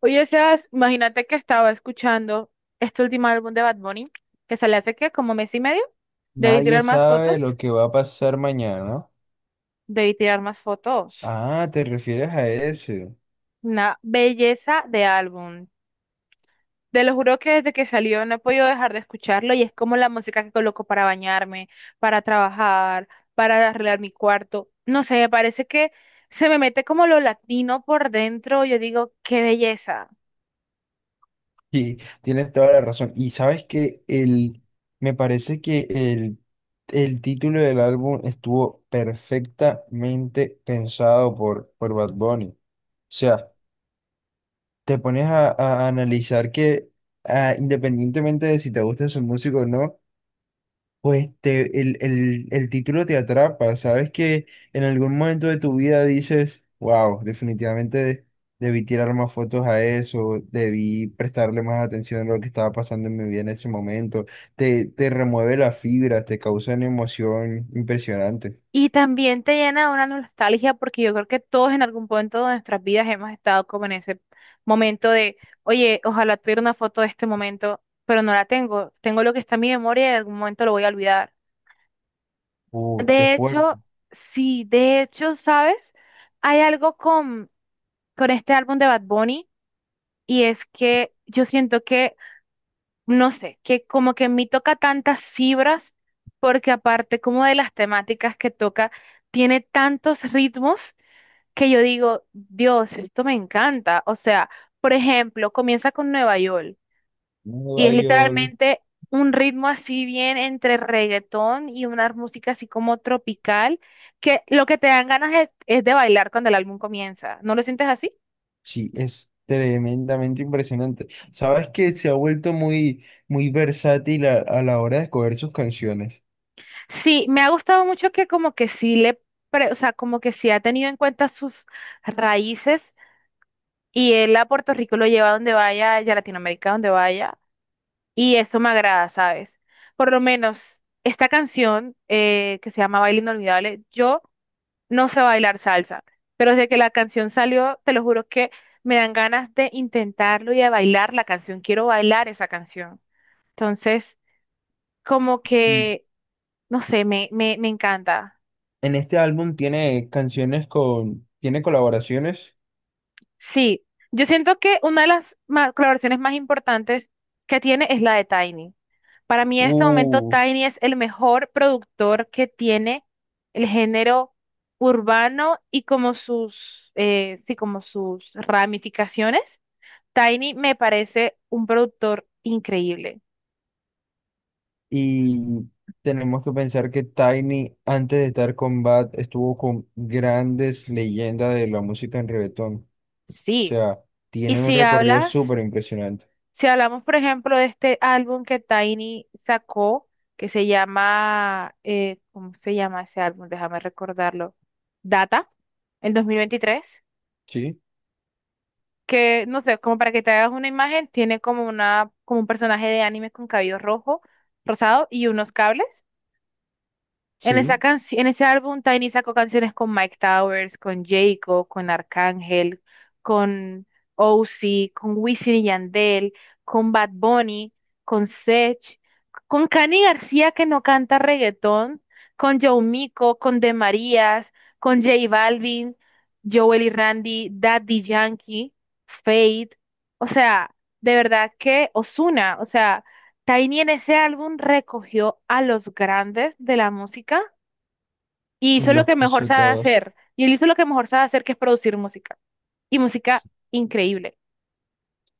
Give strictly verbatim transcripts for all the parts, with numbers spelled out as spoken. Oye, Sebas, imagínate que estaba escuchando este último álbum de Bad Bunny, que sale hace que como mes y medio. Debí Nadie tirar más sabe fotos, lo que va a pasar mañana. debí tirar más fotos. Ah, te refieres a ese. Una belleza de álbum. Te lo juro que desde que salió no he podido dejar de escucharlo y es como la música que coloco para bañarme, para trabajar, para arreglar mi cuarto. No sé, me parece que se me mete como lo latino por dentro. Yo digo, qué belleza. Sí, tienes toda la razón. Y sabes que el, me parece que el, el título del álbum estuvo perfectamente pensado por, por Bad Bunny. O sea, te pones a, a analizar que ah, independientemente de si te gusta su música o no, pues te, el, el, el título te atrapa, sabes que en algún momento de tu vida dices, wow, definitivamente de- debí tirar más fotos a eso, debí prestarle más atención a lo que estaba pasando en mi vida en ese momento, te, te remueve las fibras, te causa una emoción impresionante. Y también te llena de una nostalgia porque yo creo que todos en algún punto de nuestras vidas hemos estado como en ese momento de, oye, ojalá tuviera una foto de este momento, pero no la tengo. Tengo lo que está en mi memoria y en algún momento lo voy a olvidar. Uh, qué De fuerte. hecho, sí, de hecho, ¿sabes? Hay algo con, con este álbum de Bad Bunny y es que yo siento que, no sé, que como que en mí toca tantas fibras porque aparte como de las temáticas que toca, tiene tantos ritmos que yo digo, Dios, esto me encanta. O sea, por ejemplo, comienza con Nueva York y es Nueva York, literalmente un ritmo así bien entre reggaetón y una música así como tropical, que lo que te dan ganas es, es de bailar cuando el álbum comienza. ¿No lo sientes así? sí, es tremendamente impresionante. Sabes que se ha vuelto muy, muy versátil a a la hora de escoger sus canciones. Sí, me ha gustado mucho que como que sí le, pre- o sea, como que sí ha tenido en cuenta sus raíces. Y él a Puerto Rico lo lleva donde vaya, y a Latinoamérica donde vaya. Y eso me agrada, ¿sabes? Por lo menos esta canción eh, que se llama Baile Inolvidable, yo no sé bailar salsa, pero desde que la canción salió, te lo juro que me dan ganas de intentarlo y de bailar la canción. Quiero bailar esa canción. Entonces, como que, no sé, me, me, me encanta. En este álbum tiene canciones con, tiene colaboraciones. Sí, yo siento que una de las ma- colaboraciones más importantes que tiene es la de Tiny. Para mí en este momento Uh, Tiny es el mejor productor que tiene el género urbano y como sus, eh, sí, como sus ramificaciones. Tiny me parece un productor increíble. y tenemos que pensar que Tiny, antes de estar con Bad, estuvo con grandes leyendas de la música en reggaetón. O Sí. sea, Y tiene un si recorrido hablas, súper impresionante. si hablamos, por ejemplo, de este álbum que Tiny sacó, que se llama, eh, ¿cómo se llama ese álbum? Déjame recordarlo. Data, el dos mil veintitrés Sí, que, no sé, como para que te hagas una imagen, tiene como una, como un personaje de anime con cabello rojo, rosado y unos cables. En esa sí. Canci- en ese álbum Tiny sacó canciones con Mike Towers, con Jacob, con Arcángel, con Ozzy, con Wisin y Yandel, con Bad Bunny, con Sech, con Cani García que no canta reggaetón, con Joe Mico, con De Marías, con J Balvin, Joel y Randy, Daddy Yankee, Fate, o sea, de verdad que Ozuna, o sea, Tiny en ese álbum recogió a los grandes de la música y Y hizo lo los que mejor puso sabe todos. hacer. Y él hizo lo que mejor sabe hacer, que es producir música. Y música increíble.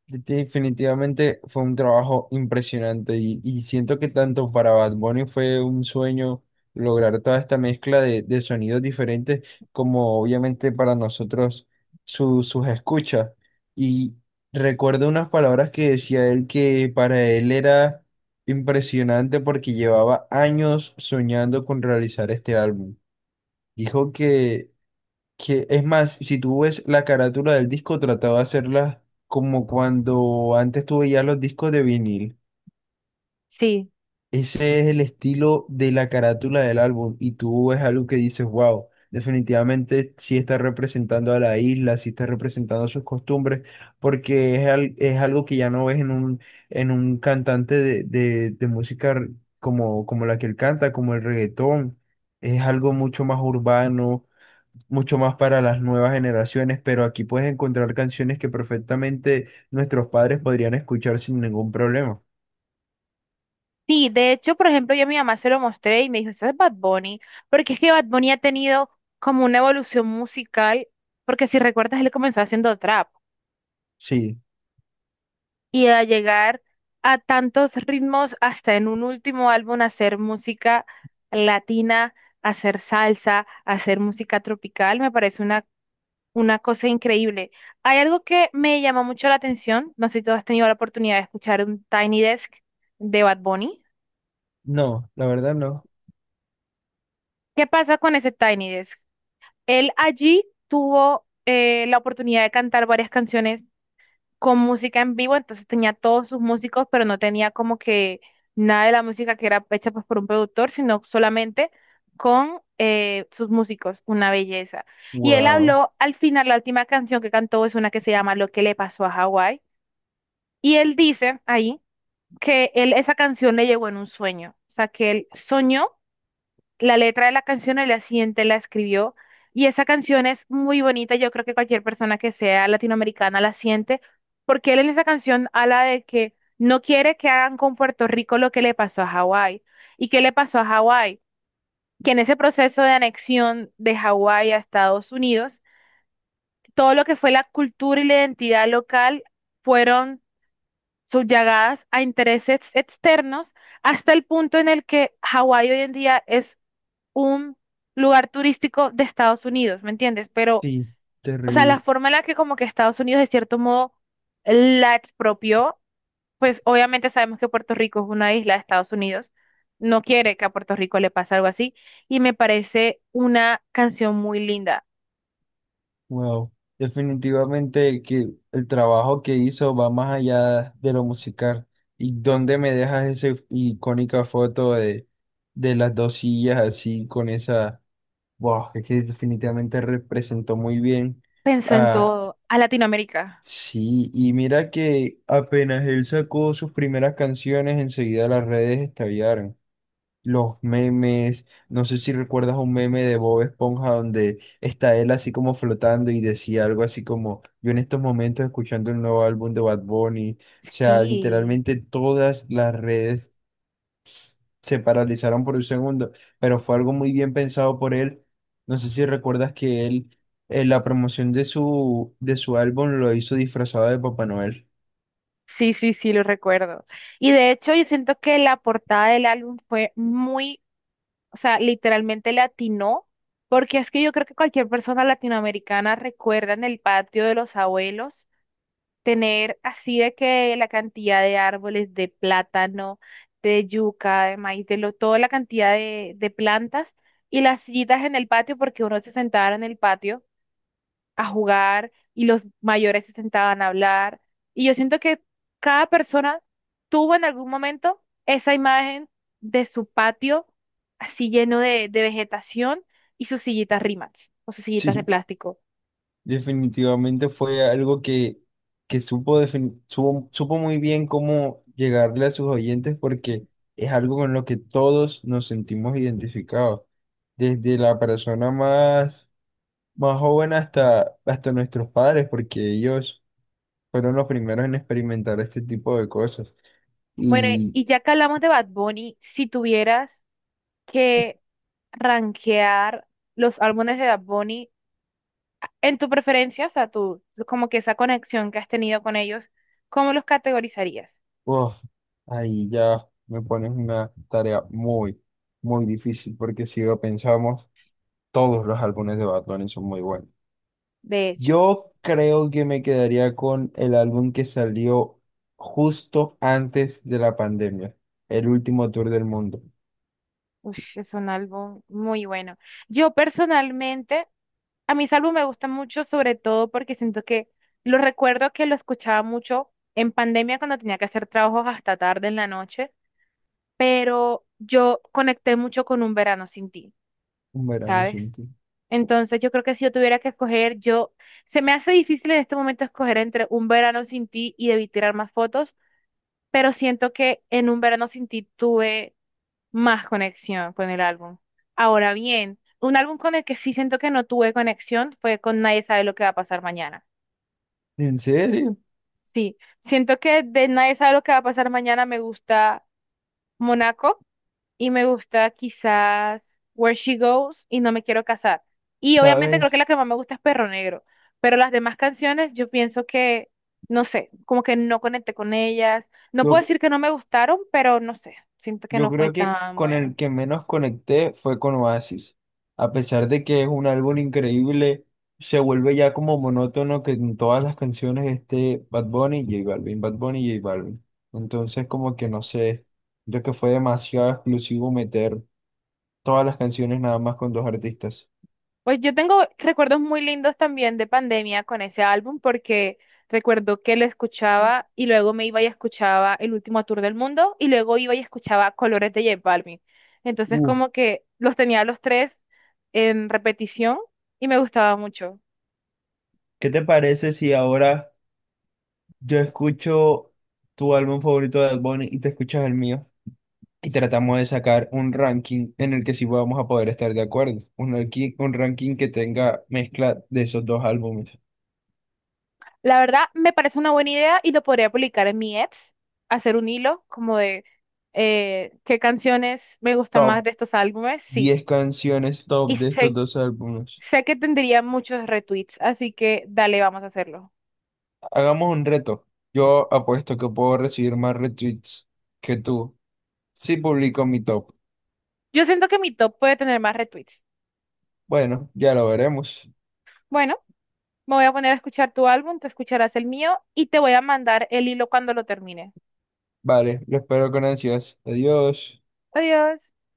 Definitivamente fue un trabajo impresionante y, y siento que tanto para Bad Bunny fue un sueño lograr toda esta mezcla de, de sonidos diferentes como obviamente para nosotros su- sus escuchas. Y recuerdo unas palabras que decía él que para él era impresionante porque llevaba años soñando con realizar este álbum. Dijo que que es más, si tú ves la carátula del disco, trataba de hacerla como cuando antes tú veías los discos de vinil. Sí. Ese es el estilo de la carátula del álbum. Y tú ves algo que dices, wow, definitivamente sí está representando a la isla, sí está representando sus costumbres, porque es, al- es algo que ya no ves en un, en un cantante de, de, de música r- como, como la que él canta, como el reggaetón. Es algo mucho más urbano, mucho más para las nuevas generaciones, pero aquí puedes encontrar canciones que perfectamente nuestros padres podrían escuchar sin ningún problema. Sí, de hecho, por ejemplo, yo a mi mamá se lo mostré y me dijo, ese es Bad Bunny, porque es que Bad Bunny ha tenido como una evolución musical, porque si recuerdas, él comenzó haciendo trap Sí, y a llegar a tantos ritmos hasta en un último álbum hacer música latina, hacer salsa, hacer música tropical, me parece una Una cosa increíble. Hay algo que me llama mucho la atención. No sé si tú has tenido la oportunidad de escuchar un Tiny Desk de Bad Bunny. no, la verdad no. ¿Qué pasa con ese Tiny Desk? Él allí tuvo eh, la oportunidad de cantar varias canciones con música en vivo, entonces tenía todos sus músicos, pero no tenía como que nada de la música que era hecha pues, por un productor, sino solamente con eh, sus músicos. Una belleza. Y él Wow, habló al final, la última canción que cantó es una que se llama Lo que le pasó a Hawái. Y él dice ahí que él esa canción le llegó en un sueño, o sea, que él soñó la letra de la canción, el día siguiente la escribió y esa canción es muy bonita, yo creo que cualquier persona que sea latinoamericana la siente, porque él en esa canción habla de que no quiere que hagan con Puerto Rico lo que le pasó a Hawái. ¿Y qué le pasó a Hawái? Que en ese proceso de anexión de Hawái a Estados Unidos, todo lo que fue la cultura y la identidad local fueron subyagadas a intereses externos hasta el punto en el que Hawái hoy en día es un lugar turístico de Estados Unidos, ¿me entiendes? Pero, sí, o sea, la terrible. forma en la que como que Estados Unidos de cierto modo la expropió, pues obviamente sabemos que Puerto Rico es una isla de Estados Unidos, no quiere que a Puerto Rico le pase algo así, y me parece una canción muy linda. Wow. Definitivamente que el trabajo que hizo va más allá de lo musical. ¿Y dónde me dejas esa icónica foto de, de las dos sillas así con esa... Wow, es que definitivamente representó muy bien. Pensó en todo, a Latinoamérica. Sí, y mira que apenas él sacó sus primeras canciones, enseguida las redes estallaron. Los memes, no sé si recuerdas un meme de Bob Esponja donde está él así como flotando y decía algo así como, yo en estos momentos escuchando el nuevo álbum de Bad Bunny. O sea, Sí. literalmente todas las redes se paralizaron por un segundo, pero fue algo muy bien pensado por él. No sé si recuerdas que él, eh, la promoción de su, de su álbum lo hizo disfrazado de Papá Noel. Sí, sí, sí, lo recuerdo. Y de hecho, yo siento que la portada del álbum fue muy, o sea, literalmente latino, porque es que yo creo que cualquier persona latinoamericana recuerda en el patio de los abuelos tener así de que la cantidad de árboles de plátano, de yuca, de maíz, de lo, toda la cantidad de, de plantas y las sillitas en el patio, porque uno se sentaba en el patio a jugar y los mayores se sentaban a hablar. Y yo siento que cada persona tuvo en algún momento esa imagen de su patio así lleno de, de vegetación y sus sillitas Rimax o sus sillitas de Sí, plástico. definitivamente fue algo que, que supo, defin- supo, supo muy bien cómo llegarle a sus oyentes porque es algo con lo que todos nos sentimos identificados, desde la persona más, más joven hasta, hasta nuestros padres, porque ellos fueron los primeros en experimentar este tipo de cosas. Bueno, Y y ya que hablamos de Bad Bunny, si tuvieras que rankear los álbumes de Bad Bunny en tu preferencia, o sea, tú, como que esa conexión que has tenido con ellos, ¿cómo los categorizarías? oh, ahí ya me pones una tarea muy, muy difícil porque si lo pensamos, todos los álbumes de Batman son muy buenos. De hecho. Yo creo que me quedaría con el álbum que salió justo antes de la pandemia, el último tour del mundo, Ush, es un álbum muy bueno. Yo personalmente, a mis álbumes me gustan mucho, sobre todo porque siento que lo recuerdo que lo escuchaba mucho en pandemia cuando tenía que hacer trabajos hasta tarde en la noche, pero yo conecté mucho con Un Verano Sin Ti, Un verano ¿sabes? sin ti. Entonces yo creo que si yo tuviera que escoger, yo, se me hace difícil en este momento escoger entre Un Verano Sin Ti y Debí Tirar Más Fotos, pero siento que en Un Verano Sin Ti tuve más conexión con el álbum. Ahora bien, un álbum con el que sí siento que no tuve conexión fue con Nadie sabe lo que va a pasar mañana. ¿En serio? Sí, siento que de Nadie sabe lo que va a pasar mañana me gusta Monaco y me gusta quizás Where She Goes y No me quiero casar. Y obviamente creo que ¿Sabes? la que más me gusta es Perro Negro, pero las demás canciones yo pienso que, no sé, como que no conecté con ellas. No puedo Yo, decir que no me gustaron, pero no sé, siento que yo no fue creo que tan con bueno. el que menos conecté fue con Oasis. A pesar de que es un álbum increíble, se vuelve ya como monótono que en todas las canciones esté Bad Bunny y J Balvin, Bad Bunny y J Balvin. Entonces como que no sé, yo que fue demasiado exclusivo meter todas las canciones nada más con dos artistas. Pues yo tengo recuerdos muy lindos también de pandemia con ese álbum porque recuerdo que lo escuchaba y luego me iba y escuchaba El Último Tour del Mundo y luego iba y escuchaba Colores de J Balvin. Entonces Uh, como que los tenía los tres en repetición y me gustaba mucho. ¿Qué te parece si ahora yo escucho tu álbum favorito de Bad Bunny y te escuchas el mío? Y tratamos de sacar un ranking en el que sí vamos a poder estar de acuerdo. Un ranking, un ranking que tenga mezcla de esos dos álbumes. La verdad me parece una buena idea y lo podría publicar en mi Etsy, hacer un hilo como de eh, qué canciones me gustan más Top de estos álbumes, sí. diez canciones Y top de estos sé dos álbumes. Sé que tendría muchos retweets, así que dale, vamos a hacerlo. Hagamos un reto. Yo apuesto que puedo recibir más retweets que tú si publico mi top. Yo siento que mi top puede tener más retweets. Bueno, ya lo veremos. Bueno, me voy a poner a escuchar tu álbum, tú escucharás el mío y te voy a mandar el hilo cuando lo termine. Vale, lo espero con ansias. Adiós. Adiós.